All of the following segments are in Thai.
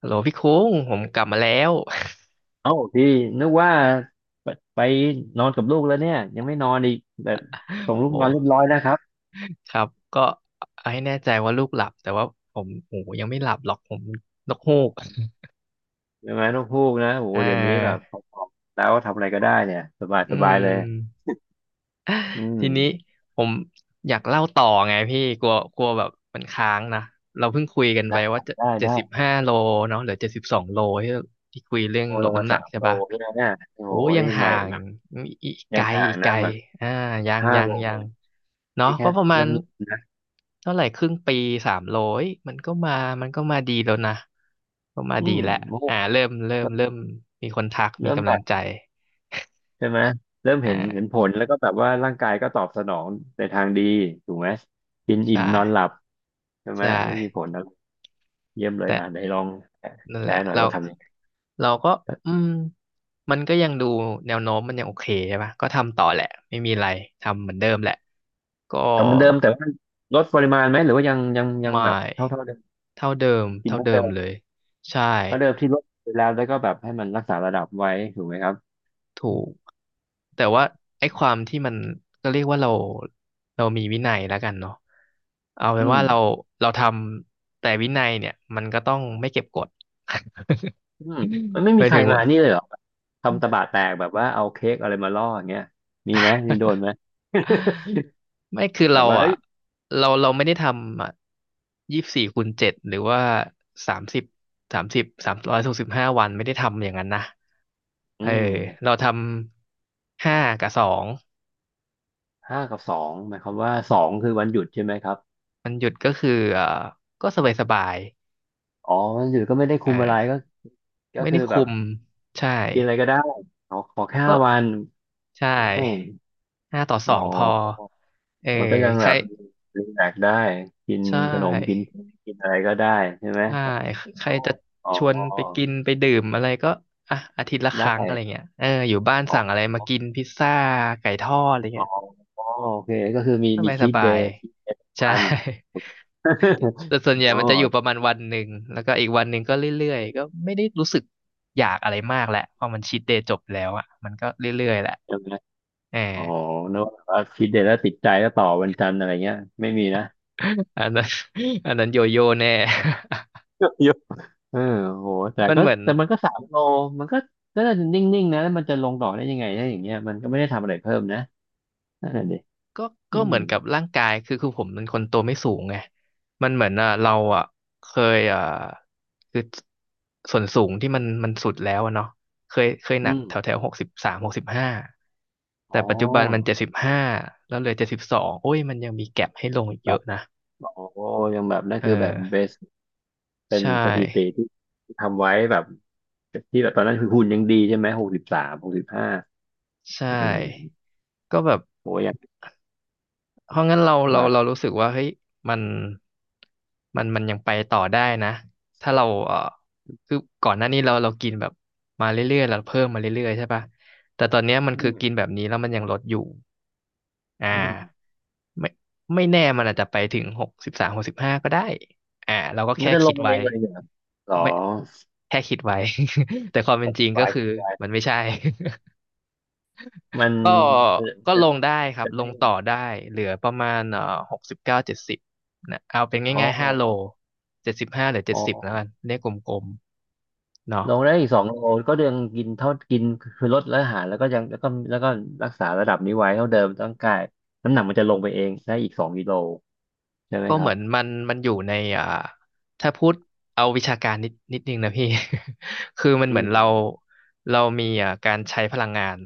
ฮัลโหลพี่คุ้งผมกลับมาแล้ว เอ้าพี่นึกว่าไปไปนอนกับลูกแล้วเนี่ยยังไม่นอนอีกแต่ส่ง ลูกโอ้นอนเรียบร้อยแล้วครับครับก็เอาให้แน่ใจว่าลูกหลับแต่ว่าผมโอ้ยังไม่หลับหรอกผมนกฮูกใช่ไหมลองพูกนะโอ้โหอ่เดี๋ยวนี้แบบพาอๆแล้วทำอะไรก็ได้เนี่ยสบายอืสบายเลยม อืมทีนี้ผมอยากเล่าต่อไงพี่กลัวกลัวแบบมันค้างนะเราเพิ่งคุยกันไปได้ว่าจะได้เจ็ดได้สิบห้าโลเนาะเหลือ72 โลที่ที่คุยเรื่องโอ้ลลดงมาน้ำหนัสากมใช่โลปะพี่นะเนี่ยโอ้โหโอ้ยังนี่ใหห่าม่งแบบอีกไกยังลห่างอีกไกนะลแบบอ่ายังห้ายัโลงยัเลงยเนาะนี่แค่ก็ประมาเริ่ณมนะเท่าไหร่ครึ่งปีสามโลเอ้ยมันก็มามันก็มาดีแล้วนะก็มาอืดีมแล้วโอ้โหอ่าเริ่มเริ่มเริ่มเริ่มมีคนทักมีเริ่มกำแบลังบใจใช่ไหมเริ่มเห็นอ่าผลแล้วก็แบบว่าร่างกายก็ตอบสนองในทางดีถูกไหมกินอิ่ใช่มนอนหลับใช่ไหมใช่ไม่มีผล เยี่ยมเลยแต่ อ่ะไหนลองนั่นแชแหละร์หน่อยเราว่าทำยังไงเราก็อืมมันก็ยังดูแนวโน้มมันยังโอเคใช่ปะก็ทำต่อแหละไม่มีอะไรทำเหมือนเดิมแหละก็ทำเหมือนเดิมแต่ว่าลดปริมาณไหมหรือว่ายังไม่แบบเท่าเดิมเท่าเดิมกินเท่าเท่าเดิเดิมมเลยใช่เท่าเดิมที่ลดไปแล้วแล้วก็แบบให้มันรักษาระดับไว้ถูกไหมครับถูกแต่ว่าไอ้ความที่มันก็เรียกว่าเรามีวินัยแล้วกันเนาะเอาเป็นอืว่ามเราทำแต่วินัยเนี่ยมันก็ต้องไม่เก็บกด อืมมันไม่ หมีมายใครถึงมาว่า นี่เลยเหรอทำตะบะแตกแบบว่าเอาเค้กอะไรมาล่ออย่างเงี้ยมีไหมมีโดนไหม ไม่คือแบเราบว่าเอ้อ่ะยเราไม่ได้ทำอ่ะ24คูณเจ็ดหรือว่าสามสิบ365 วันไม่ได้ทำอย่างนั้นนะอืเออมเราทำ5 กับ 2ห้ากับสองหมายความว่าสองคือวันหยุดใช่ไหมครับมันหยุดก็คือก็สบายสบายอ๋อวันหยุดก็ไม่ได้คุมอะไรอ่าก็ก็ไม่คือได้แบคุบมใช่กินอะไรก็ได้ขอขอแค่ก็ห้าวันใชอืม่ห้าต่อสอ๋ออ งพอเออมันก็ยังใคแบรบรีแลกซ์ได้กินใชขนมกิน่ เค้กกินอะไรก็ได้ใช่ไหมใช่อ๋อใครจะอ๋อชวนไปกินไปดื่มอะไรก็อ่ะอาทิตย์ละคไดรั้งอะไร้เงี้ยเอออยู่บ้านอ๋สั่งออะไรมากินพิซซ่าไก่ทอดอะไรอ๋อเงี้ยอ๋อโอเคก็คือมีสบายสชีทบาเดยย์ชีทเดย์ใช่ มัน แต่ส่วนให ญ่อ๋อมันจะอยู่ประมาณวันหนึ่งแล้วก็อีกวันหนึ่งก็เรื่อยๆก็ไม่ได้รู้สึกอยากอะไรมากแหละพอมันชีทเดย์จบแล้วอ่ะมันก็เรื่อยๆแหละใช่ไหมเออ อ๋อนึกว่าชีทเดย์แล้วติดใจแล้วต่อวันจันทร์อะไรเงี้ยไม่มีนะ อันนั้น อันนั้นโยโย่แน่ เยอะเออโหแต่ มันก็เหมือน แต่มันก็สามโลมันก็น่าจะนิ่งๆนะแล้วมันจะลงต่อกได้ยังไงถ้าอย่างเงี้ยมันก็ไม่ได้ทำอะไรเพิ่มนะนั่นแหละดิก็อืก็เหมมือนกับร่างกายคือผมเป็นคนตัวไม่สูงไงมันเหมือนอ่ะมเราองอ่ะเคยอ่ะคือส่วนสูงที่มันสุดแล้วอะเนาะเคยหนัอืกม แถวแถวหกสิบสามหกสิบห้าอ๋แต่อปัจจุบันมันเจ็ดสิบห้าแล้วเหลือเจ็ดสิบสองโอ้ยมันยังมีแก็ปให้ลงอีกแบเยบอะนะโอ้ยังแบบนั่นเอคือแบบเบอสเป็ใชนสถิติ่ที่ทำไว้แบบที่แบบตอนนั้นคือหุ่นยังดีใช่ไหมหกสิบสามหกสิบห้าใช่อืมก็แบบ โอ้ยังเพราะงั้นเราเรามากเรารู้สึกว่าเฮ้ยมันมันยังไปต่อได้นะถ้าเราเออคือก่อนหน้านี้เรากินแบบมาเรื่อยๆเราเพิ่มมาเรื่อยๆใช่ปะแต่ตอนเนี้ยมันอืคือมกินแบบนี้แล้วมันยังลดอยู่อ่อืมาไม่ไม่แน่มันอาจจะไปถึงหกสิบสามหกสิบห้าก็ได้อ่าเราก็มัแค่นจะลคิงดมันไว้เองเลยเหรอหรอไม่แค่คิดไว้ แต่ความคเป็นจธิริงก็บายคืคอธิดไายมันไม่ใช่ มันก็มัก็นจะลงได้ครับจะลไม่งต่อได้เหลือประมาณ69-70นะเอาเป็นอ๋อง่ายๆห้าโลเจ็ดสิบห้าหรือเจ็อ๋ดอ สิบแล้วกันเลขกลมๆเนาะลงได้อีกสองโลก็ยังกินเท่ากินคือลดและอาหารแล้วก็ยังแล้วก็รักษาระดับนี้ไว้เท่าเดิมร่างกายน้ำหนักมันจะลงไปเองได้อีกสองกิโลใช่ไหมก็คเหรัมืบอนมันมันอยู่ในอ่าถ้าพูดเอาวิชาการนิดนิดนึงนะพี่ คือมันอืเหมือนมเรามีอ่าการใช้พลังงาน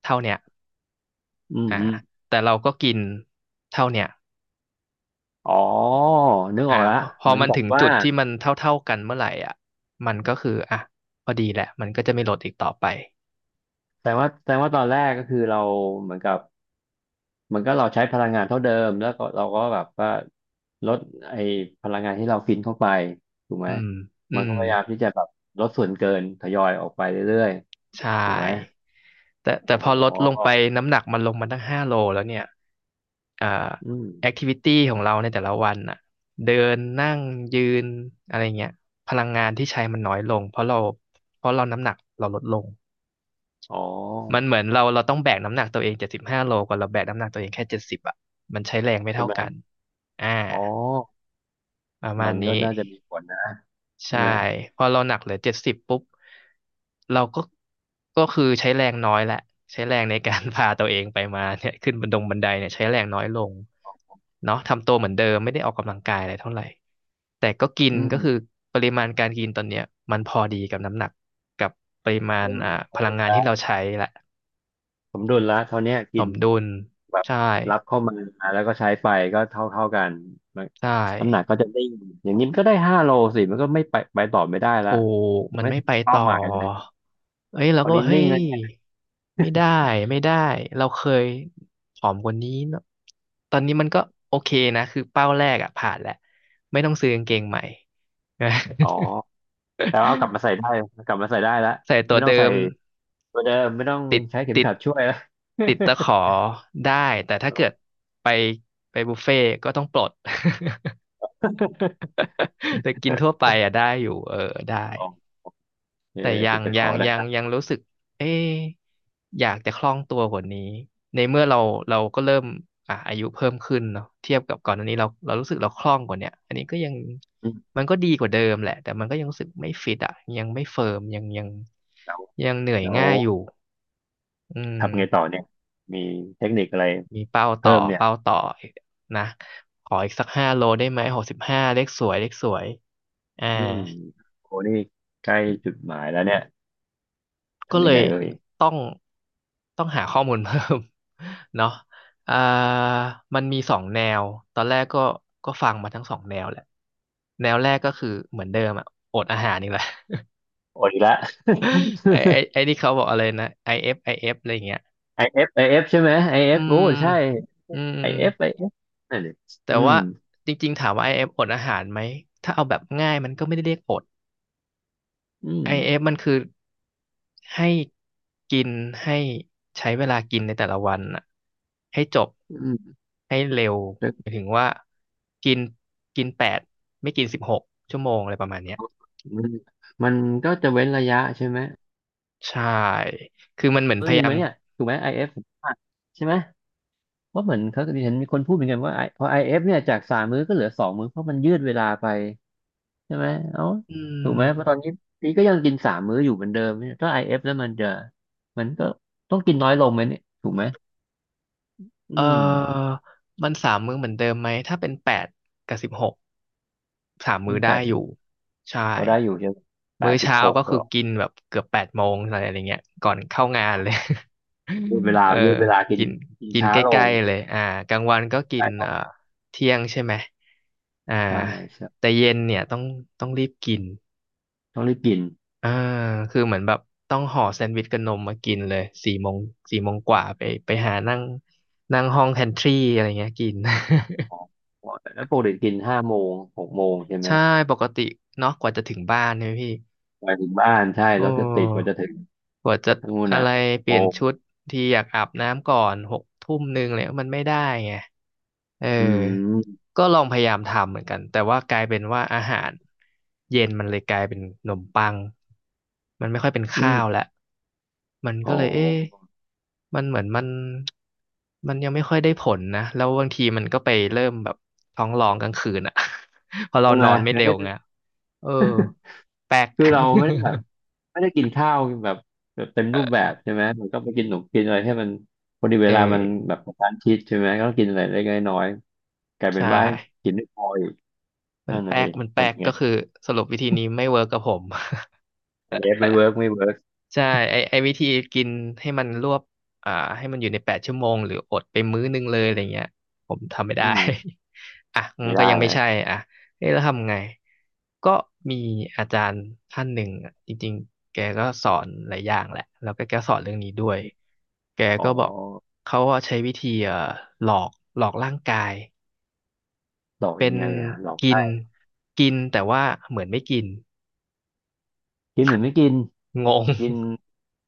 เท่าเนี้ยอืมอ่าฮึแต่เราก็กินเท่าเนี้ยอ๋อนึกอออ่ากแล้พวอพอเหมือนมันกับถึงว่าจุดที่มันเท่าๆกันเมื่อไหร่อ่ะมันก็คืออ่ะพอดีแหละมันก็จะไม่ลดอีกต่อไป แต่ว่าตอนแรกก็คือเราเหมือนกับเหมือนก็เราใช้พลังงานเท่าเดิมแล้วก็เราก็แบบว่าลดไอ้พลังงานที่เรากินเข้าไปถูกไหมอืม อืมันก็ม พยายามที่จะแบบลดส่วนเกินทยอยออกไปเรื่อยใช่ ๆถูกไหมแต่อ๋พอลดลงไปอน้ำหนักมันลงมาตั้งห้าโลแล้วเนี่ยอ่าอืม แอคทิวิตี้ของเราในแต่ละวันอ่ะเดินนั่งยืนอะไรเงี้ย พลังงานที่ใช้มันน้อยลงเพราะเราน้ำหนักเราลดลง อ๋อมันเหมือนเราต้องแบกน้ำหนักตัวเองเจ็ดสิบห้าโลกว่าเราแบกน้ำหนักตัวเองแค่เจ็ดสิบอ่ะมันใช้แรงไม่ใช่เท่าไหมกัน อ่า อ๋อประมามัณนนี้ ก็น่าจะมีผลนะใช่ใช่ไหมพอเราหนักเหลือเจ็ดสิบปุ๊บเราก็คือใช้แรงน้อยแหละใช้แรงในการ พาตัวเองไปมาเนี่ยขึ้นบันดงบันไดเนี่ยใช้แรงน้อยลงอ๋อเนาะทำตัวเหมือนเดิมไม่ได้ออกกำลังกายอะไรเท่าไหร่แต่ก็กินอืก็คือมปริมาณการกินตอนเนี้ยมันพอดีกับน้ำหนักกับปริมาณเริ่มอ่าสพมลัดุงลงานละที่เราใช้แหละสมดุลละเท่าเนี้ยสกินมดุลแบบใช่รับเข้ามาแล้วก็ใช้ไปก็เท่ากันมันใช่ น้ำหนักก็จะได้งอย่างนี้มันก็ได้ห้าโลสิมันก็ไม่ไปต่อไม่ได้ละถูกยังมันไม่ไม่ถึงไปเป้าต่อหมายเลยเอ้ยเราคราก็วบอนี้กเฮ้นิ่งยแล้วเนี่ยไม่ได้ไม่ได้เราเคยผอมกว่านี้เนอะตอนนี้มันก็โอเคนะคือเป้าแรกอะผ่านแล้วไม่ต้องซื้อกางเกงใหม่นะ อ๋อแต่ว่าเอากลับมาใส่ ได้กลับมาใส่ได้แลวใส่ตัวไม่ต้อเดิงใส่มตัวเดิมไม่ต้องติดใช้เข็มติดขัดช่วยและ ติดตะขอได้แต่ถ้าเกิดไปไปบุฟเฟ่ก็ต้องปลด แต่กินทั่วไปอะได้ อยู่เออได้ โอเคแต่ยัติงดตะขยัองได้ ยังยังรู้สึกเอ๊ะอยากจะคล่องตัวกว่านี้ในเมื่อเราเราก็เริ่มอายุเพิ่มขึ้นเนาะเทียบกับก่อนอันนี้เรารู้สึกเราคล่องกว่าเนี้ยอันนี้ก็ยังอืมมันก็ดีกว่าเดิมแหละแต่มันก็ยังรู้สึกไม่ฟิตอ่ะยังไม่เฟิร์มยังแล้วยังเหนื่อยแล้วง่ายอยู่อืทำไงต่มอเนี่ยมีเทคนิคอะไรมีเป้าต่เพิ่อมเนี่ยเป้าต่อนะขออีกสัก5 โลได้ไหม65เลขสวยเลขสวยอ่า อืมโอ้นี่ใกล้จุดหมายแล้วเนี่ยก็ทำเลยังไงยเอ่ยต้องต้องหาข้อมูลเพิ่ม เนาะอ่ามันมีสองแนวตอนแรกก็ก็ฟังมาทั้งสองแนวแหละแนวแรกก็คือเหมือนเดิมอะอดอาหารนี่แหละ โอ้ยละ ไอ้ที่เขาบอกอะไรนะ IF IF อฟไอเอฟอะไรอย่างเงี้ย ไอเ IF ใช่ไหมไอเออืฟโอ้มใช่อืม ไอเอฟนั่นดิแต่อืมว่าจริงๆถามว่า IF อเอฟอดอาหารไหม ถ้าเอาแบบง่ายมันก็ไม่ได้เรียกอด อืมไอเอฟมันคือให้กินให้ใช้เวลากินในแต่ละวันน่ะให้จบอืมให้เร็วแล้วหมายถึงว่ากินกินแปดไม่กินสิบหกชั่วโมงอะไรประมาณเนี้ยมันมันก็จะเว้นระยะใช่ไหมใช่คือมันเหมือนเออพหยานึ่งยาไหมมเนี่ยถูกไหมไอเอฟใช่ไหมเพราะเหมือนเขาเห็นมีคนพูดเหมือนกันว่า I- พอ IF เอฟเนี่ยจากสามมื้อก็เหลือสองมื้อเพราะมันยืดเวลาไป ใช่ไหมเอ้าอืถูกไหมมเพราะตอนนี้พี่ก็ยังกินสามมื้ออยู่เหมือนเดิมเนี่ยถ้าไอเอฟแล้วมันก็ต้องกินน้อยลงไหมเนี่ยถูกไหมอืเอมอมันสามมื้อเหมือนเดิมไหมถ้าเป็นแปดกับสิบหกสามอืมื้อมแปได้ดสิอบยู่ใช่ก็ได้อยู่ใช่ไหมแปมื้อดสิบเช้าหกก็คืก็อกินแบบเกือบ8 โมงอะไรอย่างเงี้ยก่อนเข้างานเลย ยืดเวลาเออยืดเวลากินกินกินกินช้าใกลล้งๆ เลยอ่ากลางวันก็กิใช่นต้องเที่ยงใช่ไหมอ่าใช่ใช่แต่เย็นเนี่ยต้องรีบกินต้องรีบกินอ่าคือเหมือนแบบต้องห่อแซนด์วิชกับนมมากินเลยสี่โมงสี่โมงกว่าไปไปหานั่งนั่งห้องแพนทรีอะไรเงี้ยกิน อ๋อแล้วปกติกินห้าโมงหกโมงใช่ ไหมใช่ปกติเนาะกว่าจะถึงบ้านเนี่ยพี่ไปถึงบ้านใช่โอแลจะติดกว่า้ จะถึงกว่าจะทั้งนู้นอะอ่ะไรเปหกโมลี่ยนงชุดทีอยากอาบน้ำก่อน6 ทุ่ม 1เลยมันไม่ได้ไงเอออืมก็ลองพยายามทำเหมือนกันแต่ว่ากลายเป็นว่าอาหารเย็นมันเลยกลายเป็นขนมปังมันไม่ค่อยเป็นอืข้าวมแล้วมันอ๋ก็อเลยเอ๊ะมันเหมือนมันยังไม่ค่อยได้ผลนะแล้วบางทีมันก็ไปเริ่มแบบท้องร้องกลางคืนอ่ะ พอเราใช่นไหมอนไม่มันเร็ก็วจะไงเออแปลก คือเราไม่ได้แบบ ไม่ได้กินข้าวแบบแบบเต็มรูปแบบใช่ไหมมันก็ไปกินหนมกินอะไรให้มันพอดี เวเอลามัอนแบบกระชั้นชิดใช่ไหมก็ต้องกินอะไรเล็กๆน้อยๆกลายเป็นใช่ ว่ากินไม่พออีกมันนั่นน่ะแป๊สิกมันแป๊ทำกยังไงก็คือสรุปวิธีนี้ไม่เวิร์กกับผม ไอเอฟไม่เวิร์กใช่ไอวิธีกินให้มันรวบอ่าให้มันอยู่ใน8 ชั่วโมงหรืออดไปมื้อนึงเลยอะไรเงี้ยผมทำไม่ได้ อืม อ่ะมันไม่ก็ได้ยังไม่นะใช่อ่ะเอ๊ะแล้วทำไงก็มีอาจารย์ท่านหนึ่งอ่ะจริงๆแกก็สอนหลายอย่างแหละแล้วก็แกสอนเรื่องนี้ด้วยแกอ๋อก็บอกเขาว่าใช้วิธีหลอกหลอกร่างกายหลอกเป็ยันงไงอ่ะหลอกกิได้นกินแต่ว่าเหมือนไม่กินกินเหมือนไม่กินงง กิน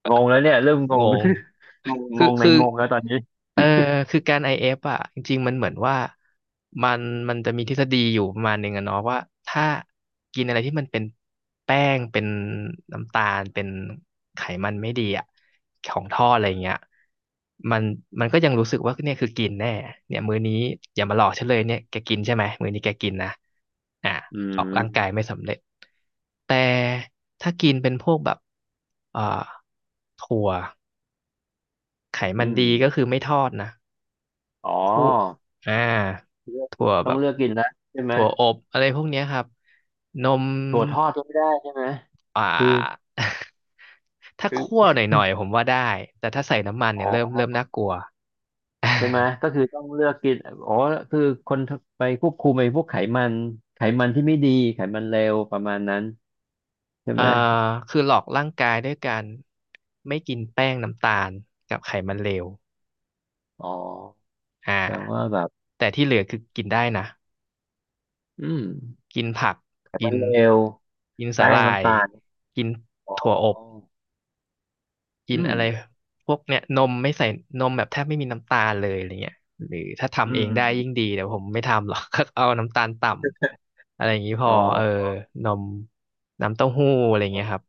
งงแล้วเนี่ยเริ่มงงง งงงงคืองในคืองงแล้วตอนนี้เออคือการ IF อเอฟอ่ะจริงๆมันเหมือนว่ามันมันจะมีทฤษฎีอยู่ประมาณหนึ่งอะเนาะว่าถ้ากินอะไรที่มันเป็นแป้งเป็นน้ำตาลเป็นไขมันไม่ดีอ่ะของทอดอะไรเงี้ยมันมันก็ยังรู้สึกว่าเนี่ยคือกินแน่เนี่ยมื้อนี้อย่ามาหลอกฉันเลยเนี่ยแกกินใช่ไหมมื้อนี้แกกินนะอ่ะอืหลอกมร่างกายไม่สำเร็จแต่ถ้ากินเป็นพวกแบบเอ่าถั่ว ไขอืมันมดีก็คือไม่ทอดนะอ๋อคู่อ่าเลือกถั่กิวนแบต้องบเลือกกินแล้วใช่ไหมถั่วอบอะไรพวกเนี้ยครับ นมถั่วทอดก็ไม่ได้ใช่ไหมอ่า คือ ถ้าคือคั่วหน่อยๆผมว่าได้ แต่ถ้าใส่น้ำมันอ๋เนี่ยเริ่มอ น่ากลัว ใช่ไหมก็คื อต้องเลือกกินอ๋อคือคนไปควบคุมไอ้พวกไขมันไขมันที่ไม่ดีไขมันเลวประมาณนั้นใช่เอ่อไหมคือหลอกร่างกายด้วยการไม่กินแป้งน้ำตาลกับไขมันเลวอ๋ออ่แปลว่าาแบบแต่ที่เหลือคือกินได้นะ อืมกินผักไขกิมันนเลวกินสาแป้หงร่ายน้ำตาลกินอ๋อถั่วอบ กินอืมอะไรพวกเนี่ยนมไม่ใส่นมแบบแทบไม่มีน้ำตาลเลยอะไรเงี้ยหรือถ้าอืทำเองมได้ยิ่งดีแต่ผมไม่ทำหรอก เอาน้ำตาลต่ำอะไรอย่างนี้พอ๋ออเออนมน้ำเต้าหู้อะไรเงี้ยครับ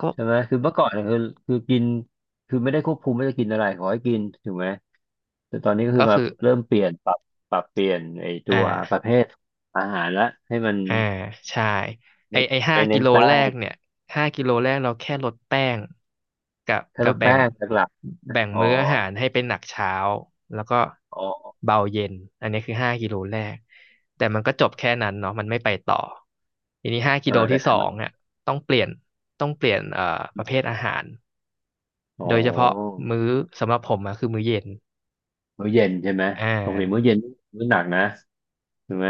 ก็ใช่ไหมคือเมื่อก่อนเนี่ยคือคือกินคือไม่ได้ควบคุมไม่าจะกินอะไรขอให้กินถูกไหมแต่ตอนนี้ก็ก็คือมาคือเริ่มเปลี่ยนปรับปรับเปลี่ยนไอ้ตัอ่วประเภา ทอาหารละให้มันอ่าใช่ไอไม่ไอห้าไม่กิเน้นโลแป้แรง กเนี่ยห้ากิโลแรกเราแค่ลดแป้งกับแค่กัลบดแบ่แป้งงหลักๆนะแบ่งอ๋อมื้ออาหารให้เป็นหนักเช้าแล้วก็อ๋อเบาเย็นอันนี้คือห้ากิโลแรกแต่มันก็จบแค่นั้นเนาะมันไม่ไปต่อทีนี้ห้าเอกิอโลแต่ที่ไขสอมังนอ่ะต้องเปลี่ยนต้องเปลี่ยนประเภทอาหารอ๋โดยเฉพาะอมื้อสำหรับผมอะคือมื้อเย็นมื้อเย็นใช่ไหมอ่ปกติมื้อา เย็นมื้อหนักนะถูกไหม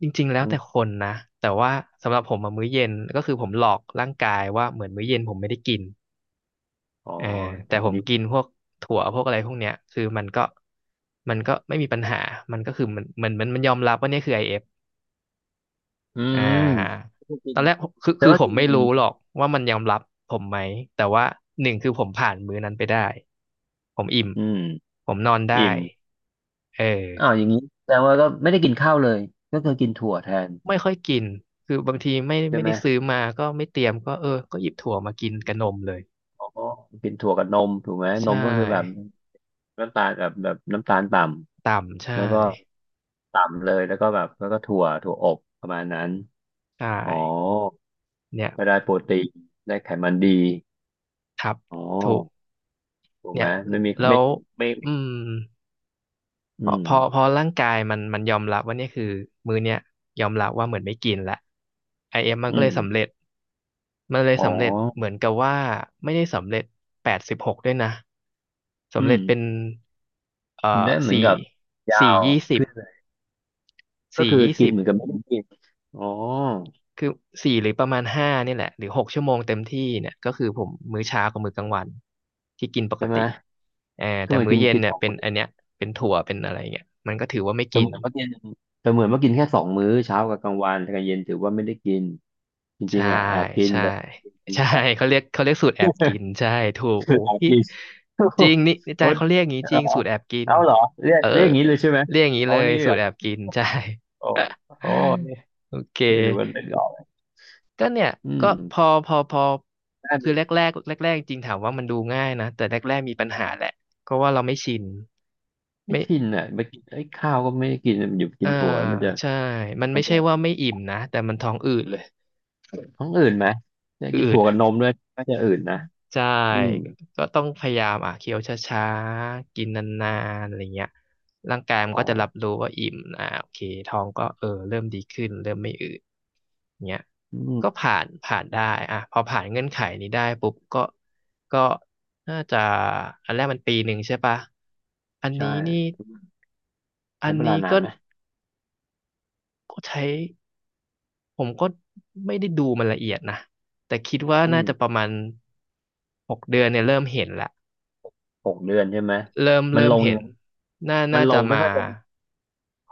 จริงๆแล้อวมแต่คนนะ แต่ว่าสำหรับผมอะมื้อเย็นก็คือผมหลอกร่างกายว่าเหมือนมื้อเย็นผมไม่ได้กินอ๋อเออแต่แต่ผมดีกินพวกถั่วพวกอะไรพวกเนี้ยคือมันก็มันก็ไม่มีปัญหา มันก็คือมันยอมรับว่าเนี่ยคือไอ f อฟอือ่มาไม่กิตอนนแรกคือแต่คือว่าผมกินไม่รู้หรอกว่ามันยอมรับผมไหม แต่ว่าหนึ่งคือผมผ่านมื้อนั้นไปได้ ผมอิ่มอืมผมนอนได้อิ่มเออ อ้าวอย่างนี้แสดงว่าก็ไม่ได้กินข้าวเลยก็คือกินถั่วแทนไม่ค่อยกิน คือบางทีไม่ใช่ไม่ไหมได้ซื้อมาก็ไม่เตรียมก็เออก็หยิบถั่วมากินกับนมเลยอ๋อกินถั่วกับนมถูกไหมนใช่มก็คือแบบน้ำตาลแบบน้ำตาลต่ต่ำำแล้ใช่วก็ต่ำเลยแล้วก็แบบแล้วก็ถั่วถั่วอบประมาณนั้นใช่อ๋อ เนี่ยไม่ได้โปรตีนได้ไขมันดีครับอ๋อถูกถูกเนี่ไหมยไม่มีแล้ไม่วไม่อืมอืพอมพอพอร่างกายมันยอมรับว่าเนี่ยคือมื้อเนี้ยยอมรับว่าเหมือนไม่กินละไอเอ็มมันอืก็เลมยสำเร็จมันเลยอ๋อสำเร็จเหมือนกับว่าไม่ได้สำเร็จแปดสิบหกด้วยนะ อืสำเร็มจเป็นเอ่อได้เหมือนสี่กับยาสี่วยี่สิบ ขึ้นเลยก็สี่คือยี่กิสินบเหมือนกับไม่ได้กินอ๋อคือสี่หรือประมาณห้าเนี่ยแหละหรือหกชั่วโมงเต็มที่เนี่ยก็คือผมมื้อเช้ากับมื้อกลางวันที่กินปกใช่ไหมติเออก็แต่เหมือนมื้อกินเย็นกินเนี่สยองเป็นมื้อันอเนี้ยเป็นถั่วเป็นอะไรเงี้ยมันก็ถือว่าไม่เสกินมือนว่ากินเสมือนว่ากินแค่สองมื้อเช้ากับกลางวันแต่กลางเย็นถือว่าไม่ได้กินจริงใช่ๆอ่ะแอบกินใช่แต่ใช่ แบบ เขาเรียกสูตรแอบกินใช่ถูก คืโอ้อแอบพี่กิน โอ้โหจริงนี่อาจาโอ้รย์เขาเรียกอย่างนี้จริงโหสูตรแอบกินเอาเหรอเรียเอกอเรียกอย่างนี้เลยใช่ไหมเรียกอย่างนี้อ๋อเลยนี่สูแบตรบแอบกินใช่ โอ้โห โอเค เดี๋ยวดูว่านึกออกไหมก็เนี่ยอืก็มพอได้ไหมคือแรกๆจริงถามว่ามันดูง่ายนะแต่แรกมีปัญหาแหละเพราะว่าเราไม่ชินไม่ไม่ชินอ่ะมากินไอ้ยข้าวก็ไม่ได้กินมันอยู่กิอ่านถั่วมันจะใช่มันมัไม่นจะใช่ว่าไม่อิ่มนะแต่มันท้องอืดเลยท้องอืดไหมจะอืกินถั่ด วกับนมด้วยก็จะอืดนะใช่อืมก็ต้องพยายามอ่ะเคี้ยวช้าๆกินนานๆอะไรเงี้ยร่างกายมันอ๋อก็จะรับรู้ว่าอิ่มอ่ะโอเคท้องก็เออเริ่มดีขึ้นเริ่มไม่อืดเงี้ยอืมก็ผ่านได้อ่ะพอผ่านเงื่อนไขนี้ได้ปุ๊บก็ก็น่าจะอันแรกมันปีหนึ่งใช่ปะอันใช่นี้นี่อัใช้นเวลานี้นาก็นไหมก็ใช้ผมก็ไม่ได้ดูมันละเอียดนะแต่คิดว่าอืน่ามจะประมาณหกเดือนเนี่ยเริ่มเห็นละ หกเดือนใช่ไหมเริ่มมันเริ่ลมงยัเห็งน ไงน่ามันน่าลจะงมาค่อยๆลงค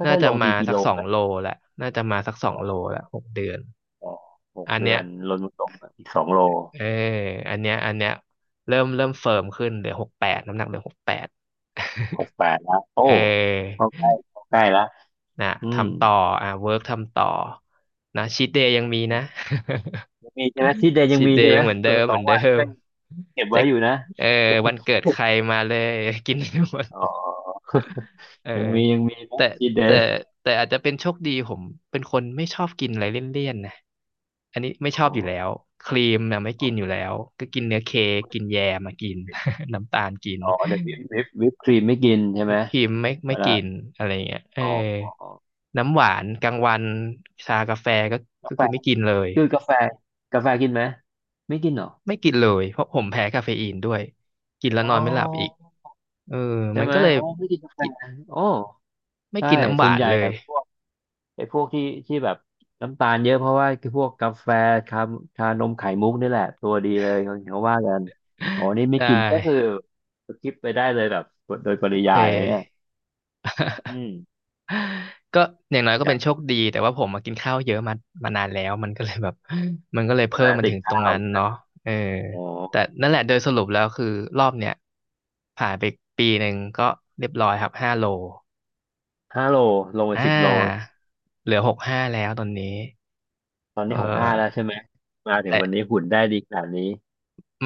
น่า่อยๆจะลงดีมากิสัโลกสอไหงมโลแหละน่าจะมาสักสออ๋งอโลแหละหกเดือน อ๋อหกอันเดืเนี้อยนลดลงลงอีกสองโลเอออันเนี้ยอันเนี้ยเริ่มเฟิร์มขึ้นเหลือหกแปดน้ำหนักเหลือหกแปด หกแปดแล้วโอ้ เออเข้าใกล้เข้าใกล้แล้วนะอืมทำต่ออ่ะเวิร์กทำต่อนะชีทเดย์ยังมีนะ ยังมีใช่ไหมชีทเดย์ ยัชีงทมีเดใช่ย์ไหยัมงเหมือนเดิตัวมสเหอมืองนเดิวันมก็ยังเก็บเจ๊ไว้กอยู่นะ เออวันเกิดใครมาเลย กินให้หมดอ๋อเออ ยังมียังมีมุกแต่ทีดเดแต่ฟแต่อาจจะเป็นโชคดีผมเป็นคนไม่ชอบกินอะไรเลี่ยนๆนะอันนี้ไม่อชอบอยู่แล้อ๋อวครีมน่ะไม่กินอยู่แล้วก็กินเนื้อเค้กกินแยมมากิน น้ำตาลกินอ๋อเดี๋ยววิปครีมไม่กินใช่ไหมครีมไม่เวไม่ลากินอะไรเงี้ยเอออ๋ออ๋ออ๋อน้ำหวานกลางวันชากาแฟก็กาก็แฟคือไม่กินเลยคือกาแฟกาแฟกินไหมไม่กินเหรอไม่กินเลยเพราะผมแพ้คาเฟอีนด้วยกินแล้วอ๋อนอนไม่หลับอีกเออใช่มันไหมก็เลยโอ้ไม่กินกาแฟกิโอ้ไม่ใช่กินน้ำหส่ววานนใหญ่เลย อะพวกไอ้พวกที่แบบน้ำตาลเยอะเพราะว่าคือพวกกาแฟชาชานมไข่มุกนี่แหละตัวดีเลยเขาเขาว่ากันอ๋อนี่ไม่ ได้กินก็คือสกิปไปได้เลยแบบโดยปโอริเค ยายอะเนี่ยอืมก็อย่างน้อติยดก็กัเป็นโชคนดีแต่ว่าผมมากินข้าวเยอะมามานานแล้วมันก็เลยแบบมันก็เลยใช่เพิ่ไหมมมันติถึดงตรข้างวนั้นใช่ไหเนาะมเอออ๋อ แต่นั่นแหละโดยสรุปแล้วคือรอบเนี้ยผ่านไปปีหนึ่งก็เรียบร้อยครับห้าโลห้าโลลงไปอ่สิบโลาเหลือหกห้าแล้วตอนนี้ตอนเอนี้หกห้าแล้วอใช่ไหมมาถึงแต่วันนี้หุ่นได้ดีขนาดนี้ไ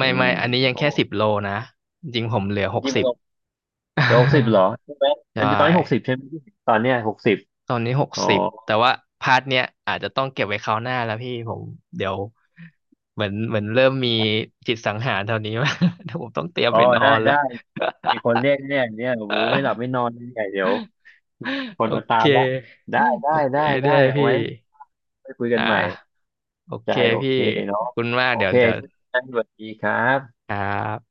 อื่มไม่อันนี้ยังโอ้แค่สิบโลนะจริงๆผมเหลือจหกริงๆสิมันบ ลงไปหกสิบเหรอใช่ไหม แต่ใช่ ตอนนี้หกสิบใช่ไหมตอนเนี้ยหกสิบตอนนี้หกอ๋อสิบแต่ว่าพาร์ทเนี้ยอาจจะต้องเก็บไว้คราวหน้าแล้วพี่ผมเดี๋ยวเหมือนเริ่มมีจิตสังหารเท่านี้มา เดี๋ยวผมต้องเตรียมอ๋อไปนอได้นละ ได้มีคนเรียกเนี่ยเนี่ยโอ้โหไม่หลับไม่นอนเนี่ยเดี๋ยว คโอนมาตาเคมละได้ได้โอเคได้ได้ได้เอาพี่ไว้ไปคุยกัอ่นใหม่าโอใจเคโอพี่เคขเนาะอบคุณมากโอเดี๋ยเควเดี๋ยวงั้นสวัสดีครับครับ